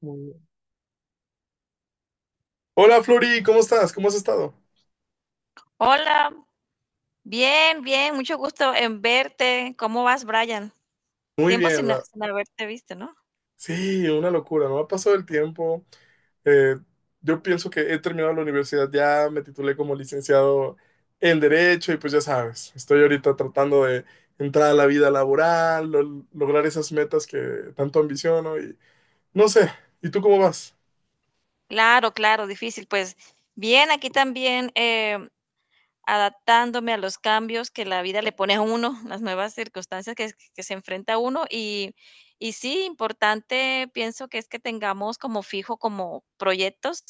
Muy bien. Hola Flori, ¿cómo estás? ¿Cómo has estado? Hola, bien, bien, mucho gusto en verte. ¿Cómo vas, Brian? Muy Tiempo bien, sin haberte visto, ¿no? sí, una locura, no ha pasado el tiempo. Eh, yo pienso que he terminado la universidad ya, me titulé como licenciado en Derecho y pues ya sabes, estoy ahorita tratando de entrar a la vida laboral, lograr esas metas que tanto ambiciono y no sé, ¿y tú cómo vas? Claro, claro, difícil. Pues bien, aquí también adaptándome a los cambios que la vida le pone a uno, las nuevas circunstancias que se enfrenta a uno y sí, importante pienso que es que tengamos como fijo, como proyectos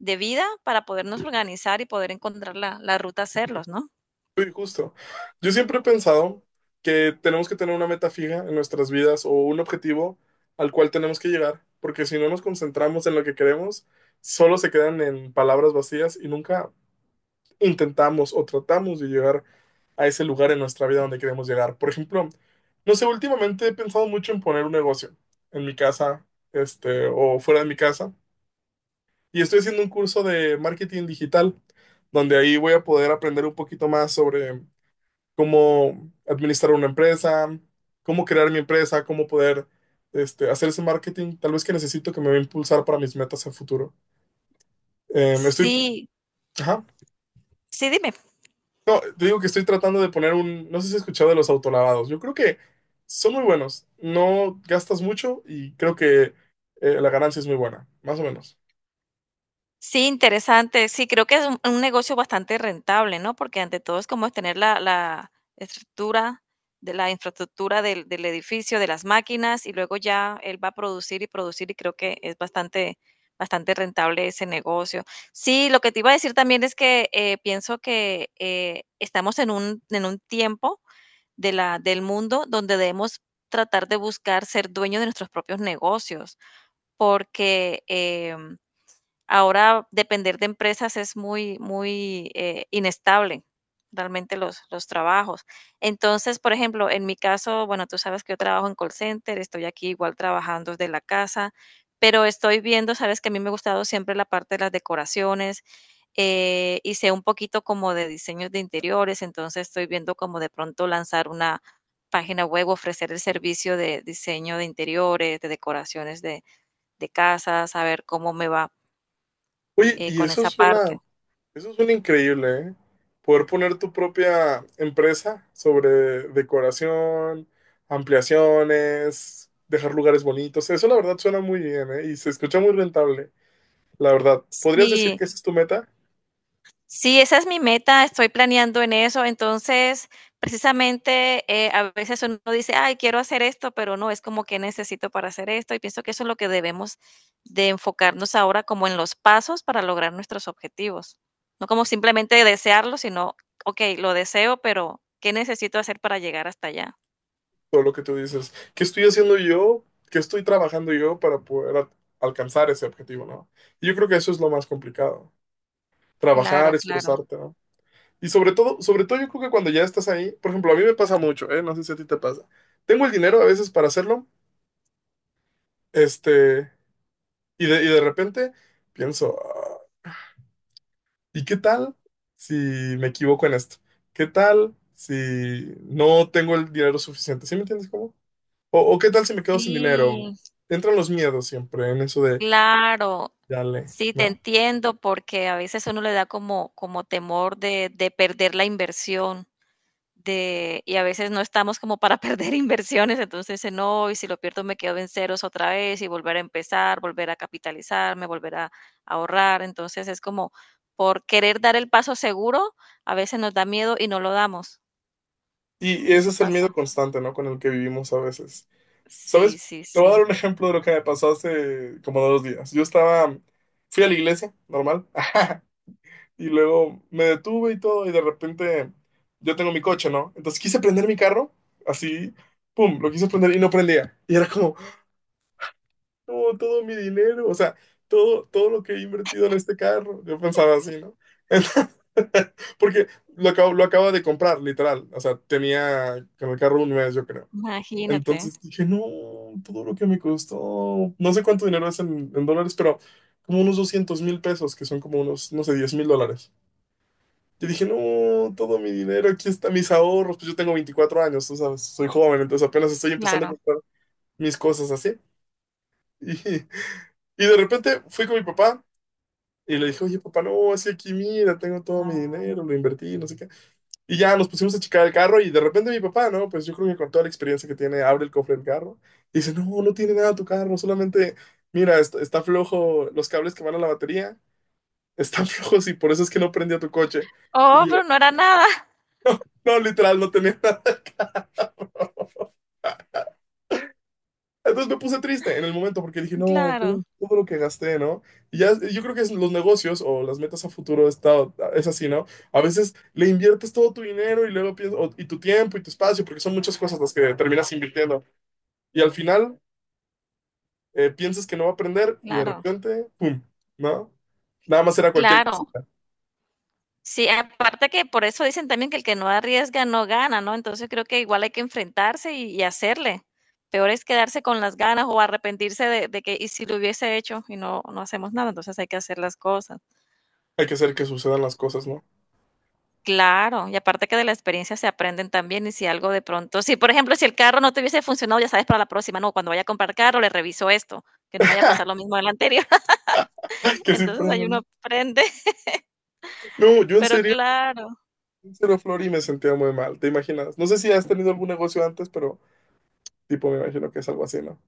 de vida para podernos organizar y poder encontrar la ruta a hacerlos, ¿no? Sí, justo. Yo siempre he pensado que tenemos que tener una meta fija en nuestras vidas o un objetivo al cual tenemos que llegar, porque si no nos concentramos en lo que queremos, solo se quedan en palabras vacías y nunca intentamos o tratamos de llegar a ese lugar en nuestra vida donde queremos llegar. Por ejemplo, no sé, últimamente he pensado mucho en poner un negocio en mi casa, o fuera de mi casa, y estoy haciendo un curso de marketing digital, donde ahí voy a poder aprender un poquito más sobre cómo administrar una empresa, cómo crear mi empresa, cómo poder hacer ese marketing, tal vez que necesito que me va a impulsar para mis metas a futuro. Me estoy, Sí. ajá. Sí, dime. No, te digo que estoy tratando de poner un, no sé si has escuchado de los autolavados. Yo creo que son muy buenos. No gastas mucho y creo que la ganancia es muy buena, más o menos. Sí, interesante. Sí, creo que es un negocio bastante rentable, ¿no? Porque ante todo es como es tener la estructura de la infraestructura del edificio, de las máquinas, y luego ya él va a producir y producir, y creo que es bastante, bastante rentable ese negocio. Sí, lo que te iba a decir también es que pienso que estamos en en un tiempo de del mundo donde debemos tratar de buscar ser dueños de nuestros propios negocios, porque ahora depender de empresas es muy, muy inestable, realmente los trabajos. Entonces, por ejemplo, en mi caso, bueno, tú sabes que yo trabajo en call center, estoy aquí igual trabajando desde la casa, pero estoy viendo, sabes que a mí me ha gustado siempre la parte de las decoraciones y sé un poquito como de diseños de interiores, entonces estoy viendo como de pronto lanzar una página web, ofrecer el servicio de diseño de interiores, de decoraciones de casas a ver cómo me va. Oye, y Con eso esa suena, parte. eso es un increíble, ¿eh? Poder poner tu propia empresa sobre decoración, ampliaciones, dejar lugares bonitos. Eso la verdad suena muy bien, ¿eh? Y se escucha muy rentable, la verdad. ¿Podrías decir Sí, que esa es tu meta? sí, esa es mi meta, estoy planeando en eso. Entonces, precisamente, a veces uno dice: "Ay, quiero hacer esto", pero no, es como: que necesito para hacer esto?". Y pienso que eso es lo que debemos de enfocarnos ahora como en los pasos para lograr nuestros objetivos. No como simplemente desearlo, sino: "Okey, lo deseo, pero ¿qué necesito hacer para llegar hasta allá?". Todo lo que tú dices. ¿Qué estoy haciendo yo? ¿Qué estoy trabajando yo para poder alcanzar ese objetivo, ¿no? Y yo creo que eso es lo más complicado. Trabajar, Claro, claro. esforzarte, ¿no? Y sobre todo yo creo que cuando ya estás ahí, por ejemplo, a mí me pasa mucho, ¿eh? No sé si a ti te pasa. Tengo el dinero a veces para hacerlo, Este, y de repente pienso: "Ah, ¿y qué tal si me equivoco en esto? ¿Qué tal si no tengo el dinero suficiente? ¿Sí me entiendes cómo? O qué tal si me quedo sin dinero?". Sí. Entran los miedos siempre en eso de, Claro, dale, sí, te ¿no? entiendo, porque a veces uno le da como, como temor de perder la inversión, de, y a veces no estamos como para perder inversiones, entonces dice, no, y si lo pierdo me quedo en ceros otra vez y volver a empezar, volver a capitalizarme, volver a ahorrar, entonces es como por querer dar el paso seguro, a veces nos da miedo y no lo damos, Y ese eso es el pasa. miedo constante, ¿no? Con el que vivimos a veces. Sí, ¿Sabes? sí, Te voy a dar sí, un ejemplo de lo que me pasó hace como 2 días. Yo estaba, fui a la iglesia, normal. Y luego me detuve y todo, y de repente yo tengo mi coche, ¿no? Entonces quise prender mi carro, así, pum, lo quise prender y no prendía. Y era como, no, todo mi dinero, o sea, todo, todo lo que he invertido en este carro. Yo pensaba así, ¿no? Entonces, porque lo acabo de comprar, literal. O sea, tenía con el carro un mes, yo creo. imagínate, Entonces dije, no, todo lo que me costó, no sé cuánto dinero es en dólares, pero como unos 200,000 pesos, que son como unos, no sé, 10,000 dólares. Yo dije, no, todo mi dinero, aquí están mis ahorros. Pues yo tengo 24 años, tú sabes, soy joven, entonces apenas estoy empezando a claro. comprar mis cosas así. Y de repente fui con mi papá y le dije, oye, papá, no, así aquí mira, tengo todo mi dinero, lo invertí, no sé qué. Y ya nos pusimos a checar el carro y de repente mi papá, no, pues yo creo que con toda la experiencia que tiene, abre el cofre del carro y dice, no, no tiene nada tu carro, solamente, mira, está, flojo los cables que van a la batería, están flojos y por eso es que no prendió tu coche. Oh, Y yo, pero no era nada, no, literal, no tenía nada. Entonces me puse triste en el momento porque dije, no, todo, claro, todo lo que gasté, ¿no? Y ya, yo creo que es los negocios o las metas a futuro está, es así, ¿no? A veces le inviertes todo tu dinero y luego piensas, o- y tu tiempo y tu espacio, porque son muchas cosas las que terminas invirtiendo. Y al final piensas que no va a aprender y de claro. repente, ¡pum! ¿No? Nada más era cualquier Claro, cosita. sí, aparte que por eso dicen también que el que no arriesga no gana, ¿no? Entonces creo que igual hay que enfrentarse y hacerle. Peor es quedarse con las ganas o arrepentirse de que, y si lo hubiese hecho y no, no hacemos nada, entonces hay que hacer las cosas. Hay que hacer que sucedan las cosas, ¿no? Claro, y aparte que de la experiencia se aprenden también y si algo de pronto, si por ejemplo, si el carro no te hubiese funcionado, ya sabes para la próxima, no, cuando vaya a comprar carro le reviso esto, que no me vaya a pasar lo mismo del anterior. Que sí Entonces ahí aprendan, ¿no? uno aprende, No, yo pero claro. en serio, Flori, me sentía muy mal, ¿te imaginas? No sé si has tenido algún negocio antes, pero tipo, me imagino que es algo así, ¿no?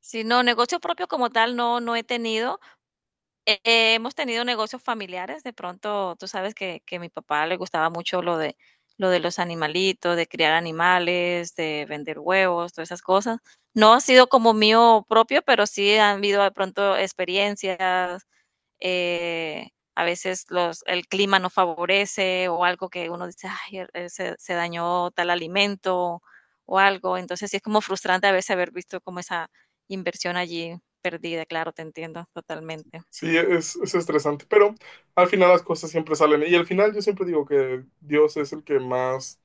Si no, negocio propio como tal no, no he tenido. Hemos tenido negocios familiares, de pronto tú sabes que a mi papá le gustaba mucho lo lo de los animalitos, de criar animales, de vender huevos, todas esas cosas. No ha sido como mío propio, pero sí han habido de pronto experiencias, eh, a veces los, el clima no favorece o algo que uno dice, ay, se, se dañó tal alimento o algo. Entonces sí es como frustrante a veces haber visto como esa inversión allí perdida, claro, te entiendo totalmente. Sí, es estresante, pero al final las cosas siempre salen. Y al final yo siempre digo que Dios es el que más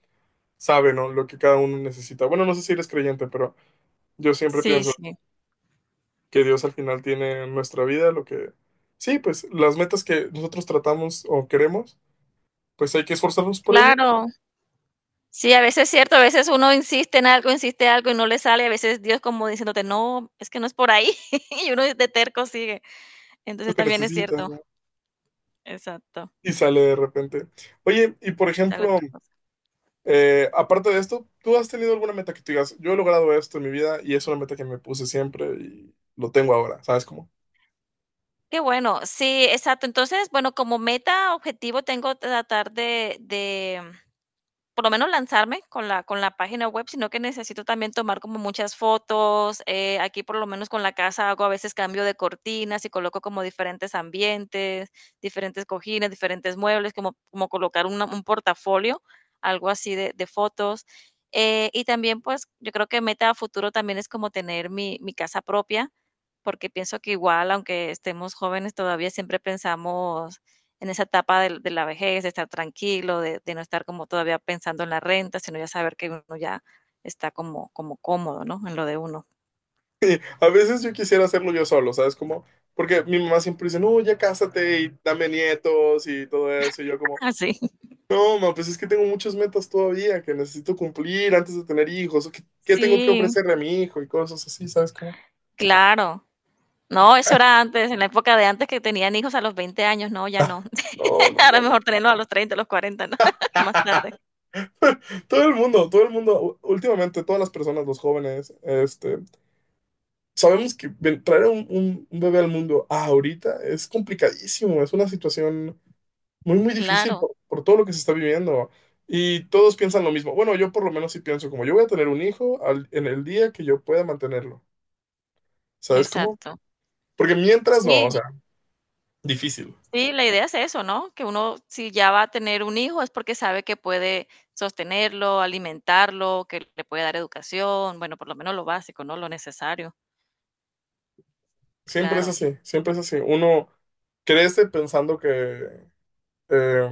sabe, ¿no? Lo que cada uno necesita. Bueno, no sé si eres creyente, pero yo siempre Sí, pienso sí, que Dios al final tiene en nuestra vida lo que... Sí, pues las metas que nosotros tratamos o queremos, pues hay que esforzarnos por ellas, claro. Sí, a veces es cierto, a veces uno insiste en algo y no le sale, a veces Dios como diciéndote: "No, es que no es por ahí", y uno de terco sigue. lo Entonces, que también es necesitas, cierto. ¿no? Exacto, Y sale de repente. Oye, y por esa la ejemplo, otra cosa. Aparte de esto, ¿tú has tenido alguna meta que tú digas, yo he logrado esto en mi vida y es una meta que me puse siempre y lo tengo ahora, ¿sabes cómo? Qué bueno, sí, exacto. Entonces, bueno, como meta, objetivo tengo tratar de por lo menos lanzarme con la página web, sino que necesito también tomar como muchas fotos. Aquí, por lo menos con la casa, hago a veces cambio de cortinas y coloco como diferentes ambientes, diferentes cojines, diferentes muebles, como, como colocar un portafolio, algo así de fotos. Y también, pues, yo creo que meta a futuro también es como tener mi casa propia, porque pienso que igual, aunque estemos jóvenes, todavía siempre pensamos en esa etapa de la vejez, de estar tranquilo, de, no estar como todavía pensando en la renta, sino ya saber que uno ya está como, como cómodo, ¿no? En lo de uno. Sí, a veces yo quisiera hacerlo yo solo, ¿sabes cómo? Porque mi mamá siempre dice, no, ya cásate y dame nietos y todo eso. Y yo como, Así. Sí, no, mamá, pues es que tengo muchas metas todavía que necesito cumplir antes de tener hijos. ¿O qué tengo que sí, ofrecerle a mi hijo? Y cosas así, ¿sabes cómo? claro. No, eso era antes, en la época de antes que tenían hijos a los 20 años, no, ya Ah, no. no, no, Ahora no, mejor no. tenerlos a los 30 a los 40, ¿no? Más tarde. Todo el mundo, últimamente todas las personas, los jóvenes, sabemos que traer un, un bebé al mundo ahorita es complicadísimo, es una situación muy, muy difícil Claro, por todo lo que se está viviendo. Y todos piensan lo mismo. Bueno, yo por lo menos sí pienso como yo voy a tener un hijo en el día que yo pueda mantenerlo. ¿Sabes cómo? exacto. Porque mientras no, o Sí. sea, difícil. Sí, la idea es eso, ¿no? Que uno, si ya va a tener un hijo, es porque sabe que puede sostenerlo, alimentarlo, que le puede dar educación, bueno, por lo menos lo básico, ¿no? Lo necesario, Siempre es claro. así, siempre es así. Uno crece pensando que eh,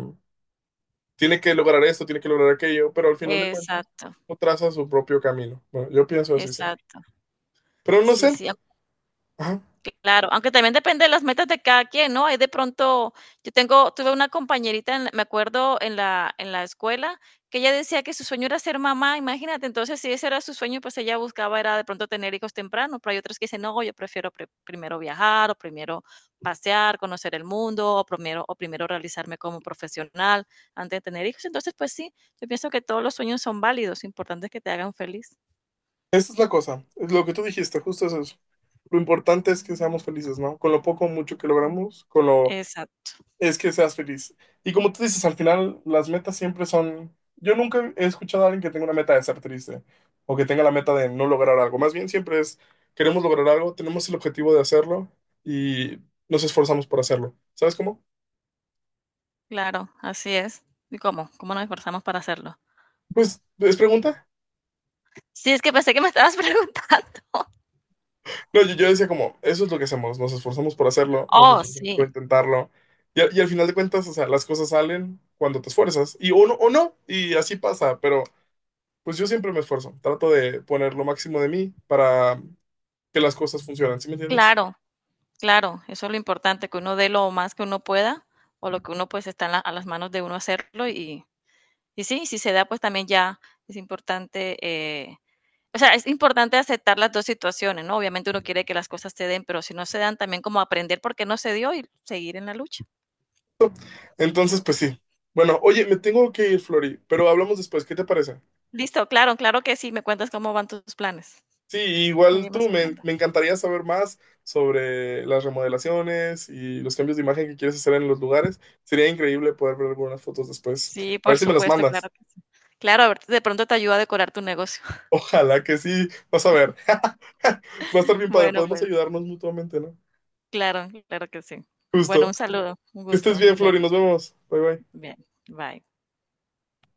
tiene que lograr esto, tiene que lograr aquello, pero al final de cuentas Exacto, uno traza su propio camino. Bueno, yo pienso así siempre. exacto. Pero no Sí, sé. sí. Ajá. Claro, aunque también depende de las metas de cada quien, ¿no? Hay de pronto, yo tengo, tuve una compañerita, me acuerdo en en la escuela, que ella decía que su sueño era ser mamá, imagínate, entonces si ese era su sueño, pues ella buscaba era de pronto tener hijos temprano, pero hay otras que dicen, no, yo prefiero primero viajar, o primero pasear, conocer el mundo, o primero realizarme como profesional antes de tener hijos. Entonces, pues sí, yo pienso que todos los sueños son válidos, importante es que te hagan feliz. Esa es la cosa, es lo que tú dijiste, justo es eso. Lo importante es que seamos felices, ¿no? Con lo poco o mucho que logramos, con lo Exacto, es que seas feliz. Y como tú dices, al final las metas siempre son... Yo nunca he escuchado a alguien que tenga una meta de ser triste o que tenga la meta de no lograr algo. Más bien siempre es, queremos lograr algo, tenemos el objetivo de hacerlo y nos esforzamos por hacerlo. ¿Sabes cómo? claro, así es. ¿Y cómo? ¿Cómo nos esforzamos para hacerlo? Pues, ¿es pregunta? Sí, es que pensé que me estabas preguntando. No, yo decía como, eso es lo que hacemos, nos esforzamos por hacerlo, nos Oh, esforzamos por sí, intentarlo. Y al final de cuentas, o sea, las cosas salen cuando te esfuerzas. Y o no, y así pasa, pero pues yo siempre me esfuerzo. Trato de poner lo máximo de mí para que las cosas funcionen, ¿sí me entiendes? claro, claro, eso es lo importante, que uno dé lo más que uno pueda o lo que uno pues está a las manos de uno hacerlo y sí, si se da pues también ya es importante, o sea, es importante aceptar las dos situaciones, ¿no? Obviamente uno quiere que las cosas se den, pero si no se dan también como aprender por qué no se dio y seguir en la lucha. Entonces, pues sí. Bueno, oye, me tengo que ir, Flori, pero hablamos después, ¿qué te parece? Listo, claro, claro que sí, me cuentas cómo van tus planes. Sí, igual Seguimos tú, hablando. me encantaría saber más sobre las remodelaciones y los cambios de imagen que quieres hacer en los lugares. Sería increíble poder ver algunas fotos después. Sí, A ver por si me las supuesto, claro mandas. que sí. Claro, a ver, de pronto te ayuda a decorar tu negocio. Ojalá que sí. Vas a ver. Va a estar bien padre. Bueno, Podemos pues, ayudarnos mutuamente, ¿no? claro, claro que sí. Bueno, Justo. un saludo, un Que estés gusto, bien, nos Flori. vemos. Nos vemos. Bye, bye. Bien, bye.